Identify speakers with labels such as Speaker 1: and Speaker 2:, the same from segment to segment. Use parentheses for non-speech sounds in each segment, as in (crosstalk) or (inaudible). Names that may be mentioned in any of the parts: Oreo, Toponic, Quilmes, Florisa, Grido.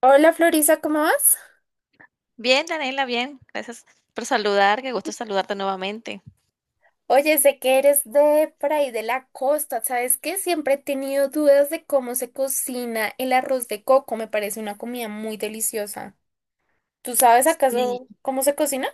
Speaker 1: Hola Florisa, ¿cómo vas?
Speaker 2: Bien, Daniela, bien. Gracias por saludar. Qué gusto saludarte nuevamente.
Speaker 1: Oye, sé que eres de por ahí de la costa, ¿sabes qué? Siempre he tenido dudas de cómo se cocina el arroz de coco, me parece una comida muy deliciosa. ¿Tú sabes
Speaker 2: Sí,
Speaker 1: acaso cómo se cocina?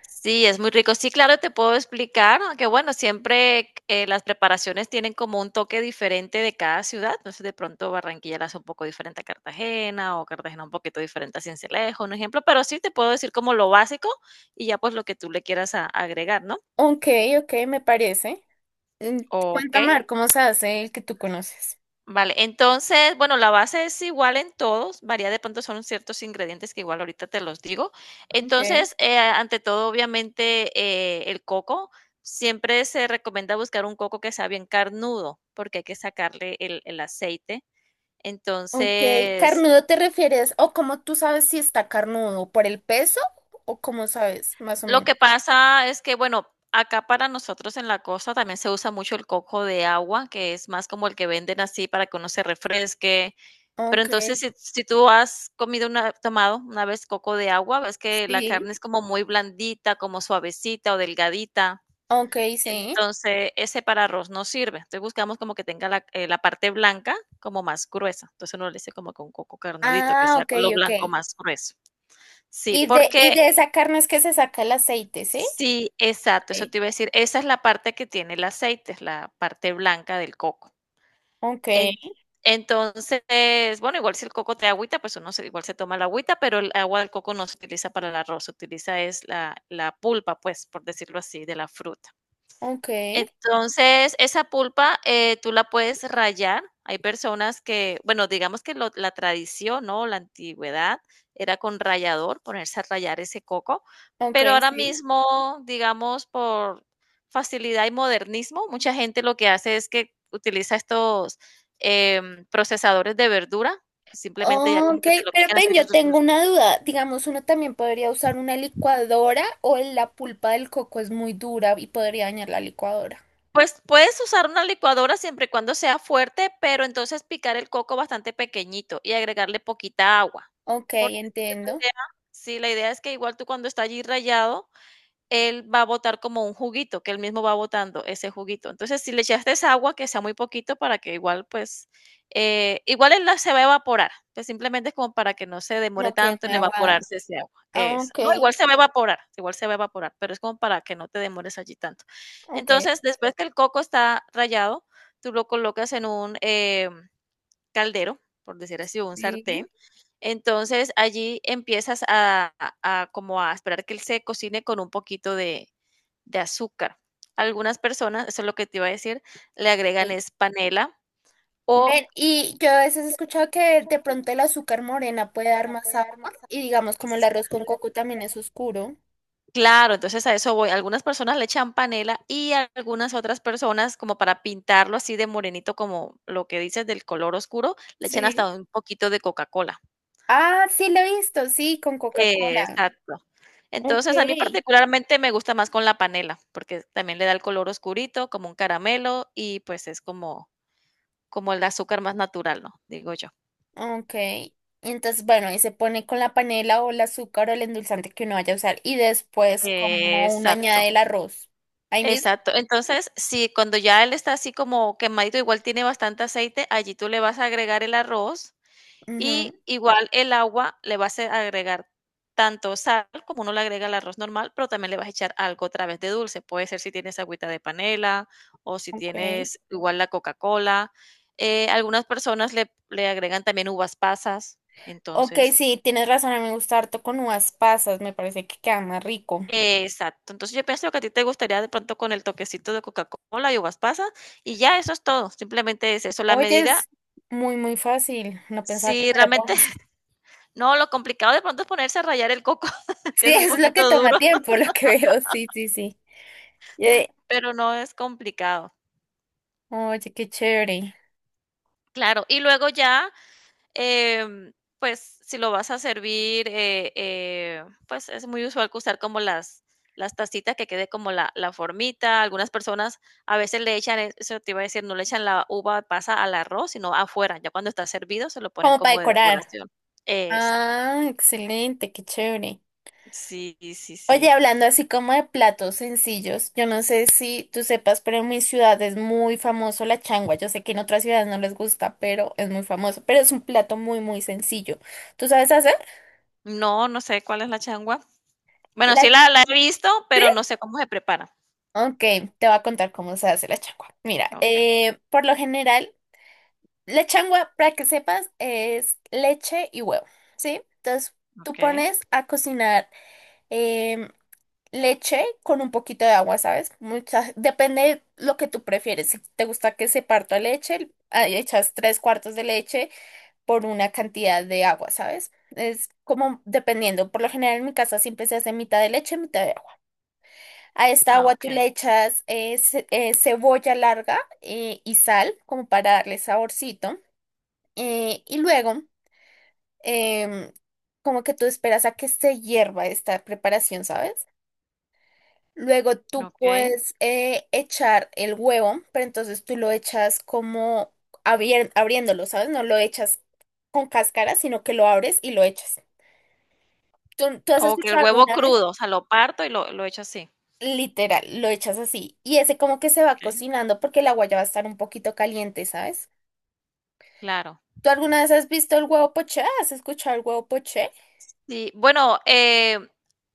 Speaker 2: sí, es muy rico. Sí, claro, te puedo explicar, ¿no? Que bueno, siempre las preparaciones tienen como un toque diferente de cada ciudad. Entonces, de pronto Barranquilla la hace un poco diferente a Cartagena o Cartagena un poquito diferente a Sincelejo, un ejemplo. Pero sí te puedo decir como lo básico y ya pues lo que tú le quieras agregar, ¿no?
Speaker 1: Ok, ok, me parece. Mm,
Speaker 2: Ok.
Speaker 1: Cuéntame a ver cómo se hace el que tú conoces.
Speaker 2: Vale, entonces, bueno, la base es igual en todos, varía de pronto son ciertos ingredientes que igual ahorita te los digo.
Speaker 1: Ok.
Speaker 2: Entonces, ante todo, obviamente, el coco, siempre se recomienda buscar un coco que sea bien carnudo, porque hay que sacarle el aceite.
Speaker 1: Ok,
Speaker 2: Entonces,
Speaker 1: ¿carnudo te refieres o cómo tú sabes si está carnudo? ¿Por el peso o cómo sabes, más o
Speaker 2: lo
Speaker 1: menos?
Speaker 2: que pasa es que, bueno, acá para nosotros en la costa también se usa mucho el coco de agua, que es más como el que venden así para que uno se refresque. Pero
Speaker 1: Ok,
Speaker 2: entonces, si tú has comido una tomado una vez coco de agua, ves que la
Speaker 1: sí.
Speaker 2: carne es como muy blandita, como suavecita o delgadita.
Speaker 1: Ok, sí.
Speaker 2: Entonces, ese para arroz no sirve. Entonces, buscamos como que tenga la parte blanca como más gruesa. Entonces, uno le dice como con coco carnudito, que
Speaker 1: Ah,
Speaker 2: sea
Speaker 1: ok,
Speaker 2: lo
Speaker 1: ok.
Speaker 2: blanco más grueso. Sí,
Speaker 1: Y de,
Speaker 2: porque
Speaker 1: y de esa carne es que se saca el aceite, ¿sí?
Speaker 2: sí, exacto, eso
Speaker 1: Ok.
Speaker 2: te iba a decir. Esa es la parte que tiene el aceite, es la parte blanca del coco.
Speaker 1: Ok,
Speaker 2: En Entonces, bueno, igual si el coco trae agüita, pues uno se, igual se toma la agüita, pero el agua del coco no se utiliza para el arroz, se utiliza es la pulpa, pues, por decirlo así, de la fruta.
Speaker 1: ok,
Speaker 2: Entonces, esa pulpa, tú la puedes rallar. Hay personas que, bueno, digamos que la tradición, ¿no? La antigüedad era con rallador, ponerse a rallar ese coco,
Speaker 1: ok,
Speaker 2: pero ahora
Speaker 1: sí.
Speaker 2: mismo, digamos, por facilidad y modernismo, mucha gente lo que hace es que utiliza estos procesadores de verdura, que simplemente ya como
Speaker 1: Ok,
Speaker 2: que te lo
Speaker 1: pero
Speaker 2: pican así.
Speaker 1: ven, yo tengo
Speaker 2: (laughs)
Speaker 1: una duda. Digamos, uno también podría usar una licuadora o la pulpa del coco es muy dura y podría dañar la licuadora.
Speaker 2: Pues, puedes usar una licuadora siempre y cuando sea fuerte, pero entonces picar el coco bastante pequeñito y agregarle poquita agua,
Speaker 1: Ok,
Speaker 2: porque es que la
Speaker 1: entiendo.
Speaker 2: idea sí, la idea es que igual tú cuando está allí rallado, él va a botar como un juguito, que él mismo va botando ese juguito. Entonces, si le echaste esa agua, que sea muy poquito para que igual, pues, igual él la se va a evaporar, pues simplemente es como para que no se demore
Speaker 1: No quede
Speaker 2: tanto en
Speaker 1: muy aguado.
Speaker 2: evaporarse ese agua.
Speaker 1: Ah, ok,
Speaker 2: No, igual se va a evaporar, igual se va a evaporar, pero es como para que no te demores allí tanto.
Speaker 1: ok,
Speaker 2: Entonces, después que el coco está rallado, tú lo colocas en un caldero, por decir así, un
Speaker 1: sí.
Speaker 2: sartén, entonces, allí empiezas a como a esperar que él se cocine con un poquito de azúcar. Algunas personas, eso es lo que te iba a decir, le agregan
Speaker 1: Sí.
Speaker 2: es panela o
Speaker 1: Ven, y yo a veces he escuchado que de pronto el azúcar morena puede dar más sabor y digamos como el arroz con coco también es oscuro.
Speaker 2: claro, entonces a eso voy. Algunas personas le echan panela y algunas otras personas, como para pintarlo así de morenito, como lo que dices del color oscuro, le echan
Speaker 1: Sí.
Speaker 2: hasta un poquito de Coca-Cola.
Speaker 1: Ah, sí, lo he visto, sí, con Coca-Cola.
Speaker 2: Exacto.
Speaker 1: Ok.
Speaker 2: Entonces, a mí particularmente me gusta más con la panela, porque también le da el color oscurito, como un caramelo, y pues es como el azúcar más natural, ¿no? Digo yo.
Speaker 1: Ok. Entonces, bueno, y se pone con la panela o el azúcar o el endulzante que uno vaya a usar. Y después, como uno añade
Speaker 2: Exacto,
Speaker 1: el arroz. Ahí mismo.
Speaker 2: exacto. Entonces, sí, cuando ya él está así como quemadito, igual tiene bastante aceite, allí tú le vas a agregar el arroz.
Speaker 1: Ujú.
Speaker 2: Y igual el agua le vas a agregar tanto sal como uno le agrega al arroz normal, pero también le vas a echar algo otra vez de dulce. Puede ser si tienes agüita de panela o si
Speaker 1: Ok.
Speaker 2: tienes igual la Coca-Cola. Algunas personas le agregan también uvas pasas.
Speaker 1: Ok,
Speaker 2: Entonces,
Speaker 1: sí, tienes razón. A mí me gusta harto con uvas pasas. Me parece que queda más rico.
Speaker 2: exacto. Entonces yo pienso que a ti te gustaría de pronto con el toquecito de Coca-Cola y uvas pasas y ya eso es todo. Simplemente es eso. La
Speaker 1: Oye,
Speaker 2: medida,
Speaker 1: es muy, muy fácil. No pensaba que
Speaker 2: si
Speaker 1: fuera tan
Speaker 2: realmente,
Speaker 1: fácil. (laughs)
Speaker 2: (laughs) no, lo complicado de pronto es ponerse a rallar el coco, (laughs) que
Speaker 1: Sí,
Speaker 2: es un
Speaker 1: es lo que
Speaker 2: poquito
Speaker 1: toma
Speaker 2: duro.
Speaker 1: tiempo, lo que veo. Sí, sí, sí. Eh,
Speaker 2: Pero no es complicado.
Speaker 1: Oye, qué chévere.
Speaker 2: Claro, y luego ya, em, pues, si lo vas a servir, pues, es muy usual que usar como las tacitas que quede como la formita. Algunas personas a veces le echan, eso te iba a decir, no le echan la uva pasa al arroz, sino afuera, ya cuando está servido se lo ponen
Speaker 1: Como para
Speaker 2: como de
Speaker 1: decorar.
Speaker 2: decoración. Exacto.
Speaker 1: Ah, excelente, qué chévere.
Speaker 2: Sí, sí,
Speaker 1: Oye,
Speaker 2: sí.
Speaker 1: hablando así como de platos sencillos, yo no sé si tú sepas, pero en mi ciudad es muy famoso la changua. Yo sé que en otras ciudades no les gusta, pero es muy famoso. Pero es un plato muy, muy sencillo. ¿Tú sabes hacer?
Speaker 2: No, no sé cuál es la changua. Bueno,
Speaker 1: La...
Speaker 2: sí
Speaker 1: ch-
Speaker 2: la he visto,
Speaker 1: ¿Sí?
Speaker 2: pero no sé cómo se prepara.
Speaker 1: Ok, te voy a contar cómo se hace la changua. Mira,
Speaker 2: Okey,
Speaker 1: por lo general, la changua, para que sepas, es leche y huevo, ¿sí? Entonces, tú
Speaker 2: okey.
Speaker 1: pones a cocinar. em, Leche con un poquito de agua, ¿sabes? Muchas, depende de lo que tú prefieres. Si te gusta que se parta leche, ahí echas tres cuartos de leche por una cantidad de agua, ¿sabes? Es como dependiendo. Por lo general en mi casa siempre se hace mitad de leche, mitad de agua. A esta
Speaker 2: Ah,
Speaker 1: agua tú
Speaker 2: okey,
Speaker 1: le echas cebolla larga y sal como para darle saborcito. Y luego, em, como que tú esperas a que se hierva esta preparación, ¿sabes? Luego tú
Speaker 2: okey.
Speaker 1: puedes echar el huevo, pero entonces tú lo echas como abriéndolo, ¿sabes? No lo echas con cáscara, sino que lo abres y lo echas. ¿Tú has
Speaker 2: O que el
Speaker 1: escuchado
Speaker 2: huevo
Speaker 1: alguna vez?
Speaker 2: crudo, o sea, lo parto y lo echo así.
Speaker 1: Literal, lo echas así. Y ese como que se va
Speaker 2: Okey.
Speaker 1: cocinando porque el agua ya va a estar un poquito caliente, ¿sabes?
Speaker 2: Claro.
Speaker 1: ¿Tú alguna vez has visto el huevo poché? ¿Has escuchado el huevo poché?
Speaker 2: Sí, bueno,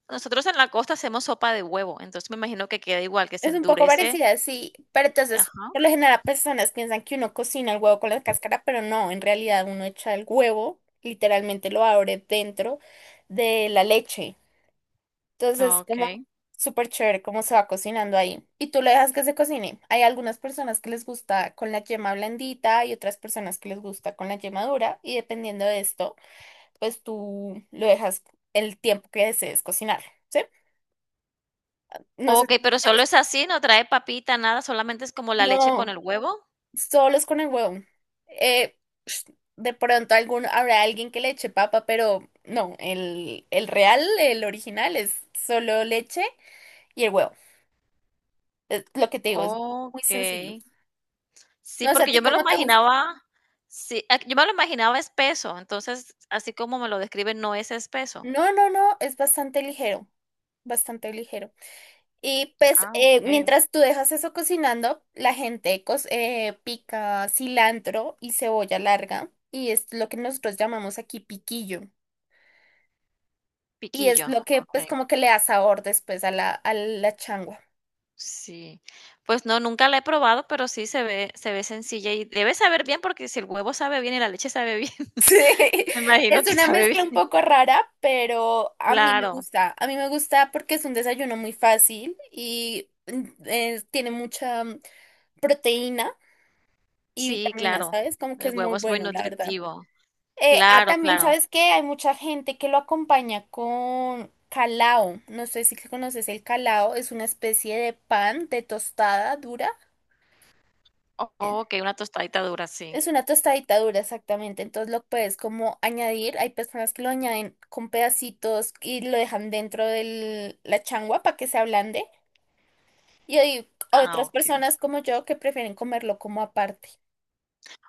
Speaker 2: nosotros en la costa hacemos sopa de huevo, entonces me imagino que queda igual, que se
Speaker 1: Es un poco
Speaker 2: endurece.
Speaker 1: parecida, sí, pero entonces,
Speaker 2: Ajá,
Speaker 1: por lo general, personas piensan que uno cocina el huevo con la cáscara, pero no, en realidad uno echa el huevo, literalmente lo abre dentro de la leche. Entonces, como
Speaker 2: okey.
Speaker 1: súper chévere cómo se va cocinando ahí. Y tú lo dejas que se cocine. Hay algunas personas que les gusta con la yema blandita y otras personas que les gusta con la yema dura, y dependiendo de esto, pues tú lo dejas el tiempo que desees cocinar, ¿sí? No sé si
Speaker 2: Okey, pero
Speaker 1: te
Speaker 2: solo
Speaker 1: gusta.
Speaker 2: es así, no trae papita, nada, solamente es como la leche con
Speaker 1: No.
Speaker 2: el huevo.
Speaker 1: Solos con el huevo. Eh, de pronto algún, habrá alguien que le eche papa, pero no, el real, el original es solo leche y el huevo. Es lo que te digo, es muy sencillo.
Speaker 2: Okey. Sí,
Speaker 1: No sé, ¿a
Speaker 2: porque
Speaker 1: ti
Speaker 2: yo me lo
Speaker 1: cómo te gusta?
Speaker 2: imaginaba sí, ah, Yo me lo imaginaba espeso, entonces, así como me lo describen, no es espeso.
Speaker 1: No, no, no, es bastante ligero, bastante ligero. Y pues
Speaker 2: Ah, okey.
Speaker 1: mientras tú dejas eso cocinando, la gente pica cilantro y cebolla larga y es lo que nosotros llamamos aquí piquillo. Y es
Speaker 2: Piquillo,
Speaker 1: lo que pues
Speaker 2: okey.
Speaker 1: como que le da sabor después a a la changua. (laughs)
Speaker 2: Sí. Pues no, nunca la he probado, pero sí se ve sencilla y debe saber bien, porque si el huevo sabe bien y la leche sabe bien,
Speaker 1: Sí.
Speaker 2: (laughs) me imagino
Speaker 1: Es
Speaker 2: que
Speaker 1: una
Speaker 2: sabe
Speaker 1: mezcla un
Speaker 2: bien.
Speaker 1: poco rara, pero a mí me
Speaker 2: Claro,
Speaker 1: gusta. A mí me gusta porque es un desayuno muy fácil y tiene mucha proteína y
Speaker 2: sí,
Speaker 1: vitaminas,
Speaker 2: claro.
Speaker 1: ¿sabes? Como que
Speaker 2: El
Speaker 1: es muy
Speaker 2: huevo es muy
Speaker 1: bueno, la verdad.
Speaker 2: nutritivo. Claro,
Speaker 1: También,
Speaker 2: claro.
Speaker 1: ¿sabes que hay mucha gente que lo acompaña con calao? No sé si conoces el calao. Es una especie de pan de tostada dura.
Speaker 2: O
Speaker 1: eh,
Speaker 2: Okey, una tostadita dura, sí.
Speaker 1: Es una tostadita dura, exactamente. Entonces lo puedes como añadir. Hay personas que lo añaden con pedacitos y lo dejan dentro de la changua para que se ablande. Y hay
Speaker 2: Ah,
Speaker 1: otras
Speaker 2: okey.
Speaker 1: personas como yo que prefieren comerlo como aparte.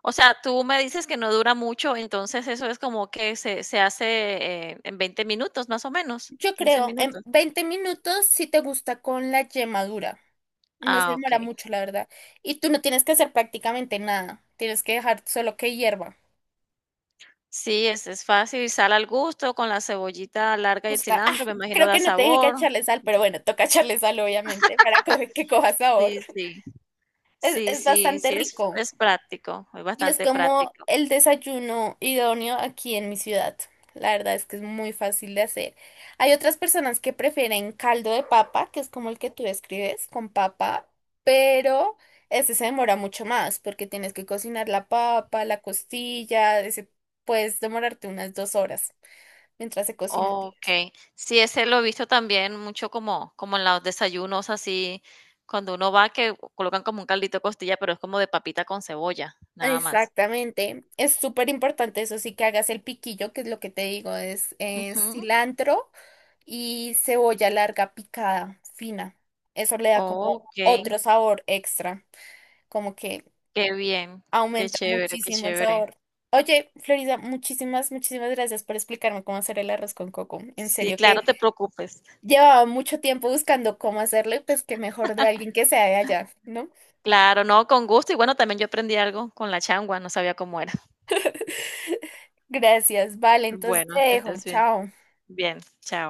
Speaker 2: O sea, tú me dices que no dura mucho, entonces eso es como que se hace, en 20 minutos, más o menos,
Speaker 1: Yo
Speaker 2: 15
Speaker 1: creo en
Speaker 2: minutos.
Speaker 1: 20 minutos si te gusta con la yema dura. No se
Speaker 2: Ah,
Speaker 1: demora
Speaker 2: okey.
Speaker 1: mucho, la verdad. Y tú no tienes que hacer prácticamente nada. Tienes que dejar solo que hierva.
Speaker 2: Sí, es fácil y sal al gusto con la cebollita larga y el
Speaker 1: Gusta. Ah,
Speaker 2: cilantro, me imagino
Speaker 1: creo
Speaker 2: da
Speaker 1: que no te dije que
Speaker 2: sabor.
Speaker 1: echarle sal, pero bueno, toca echarle sal, obviamente, para que coja sabor.
Speaker 2: Sí, sí. Sí,
Speaker 1: Es
Speaker 2: sí,
Speaker 1: bastante
Speaker 2: sí, es,
Speaker 1: rico
Speaker 2: es práctico, es
Speaker 1: y es
Speaker 2: bastante
Speaker 1: como
Speaker 2: práctico.
Speaker 1: el desayuno idóneo aquí en mi ciudad. La verdad es que es muy fácil de hacer. Hay otras personas que prefieren caldo de papa, que es como el que tú describes, con papa, pero este se demora mucho más porque tienes que cocinar la papa, la costilla, puedes demorarte unas 2 horas mientras se cocina.
Speaker 2: Okey. Sí, ese lo he visto también mucho como en los desayunos así, cuando uno va que colocan como un caldito de costilla, pero es como de papita con cebolla, nada más.
Speaker 1: Exactamente, es súper importante eso sí que hagas el piquillo, que es lo que te digo, es
Speaker 2: Ujú.
Speaker 1: cilantro y cebolla larga picada, fina. Eso le da como
Speaker 2: Okey,
Speaker 1: otro sabor extra, como que
Speaker 2: qué bien, qué
Speaker 1: aumenta
Speaker 2: chévere, qué
Speaker 1: muchísimo el
Speaker 2: chévere.
Speaker 1: sabor. Oye, Florida, muchísimas, muchísimas gracias por explicarme cómo hacer el arroz con coco. En
Speaker 2: Sí,
Speaker 1: serio que
Speaker 2: claro, te preocupes.
Speaker 1: llevaba mucho tiempo buscando cómo hacerlo y pues que mejor de alguien que sea de allá, ¿no?
Speaker 2: Claro, no, con gusto. Y bueno, también yo aprendí algo con la changua, no sabía cómo era.
Speaker 1: Gracias, vale, entonces
Speaker 2: Bueno,
Speaker 1: te
Speaker 2: que
Speaker 1: dejo,
Speaker 2: estés bien.
Speaker 1: chao.
Speaker 2: Bien, chao.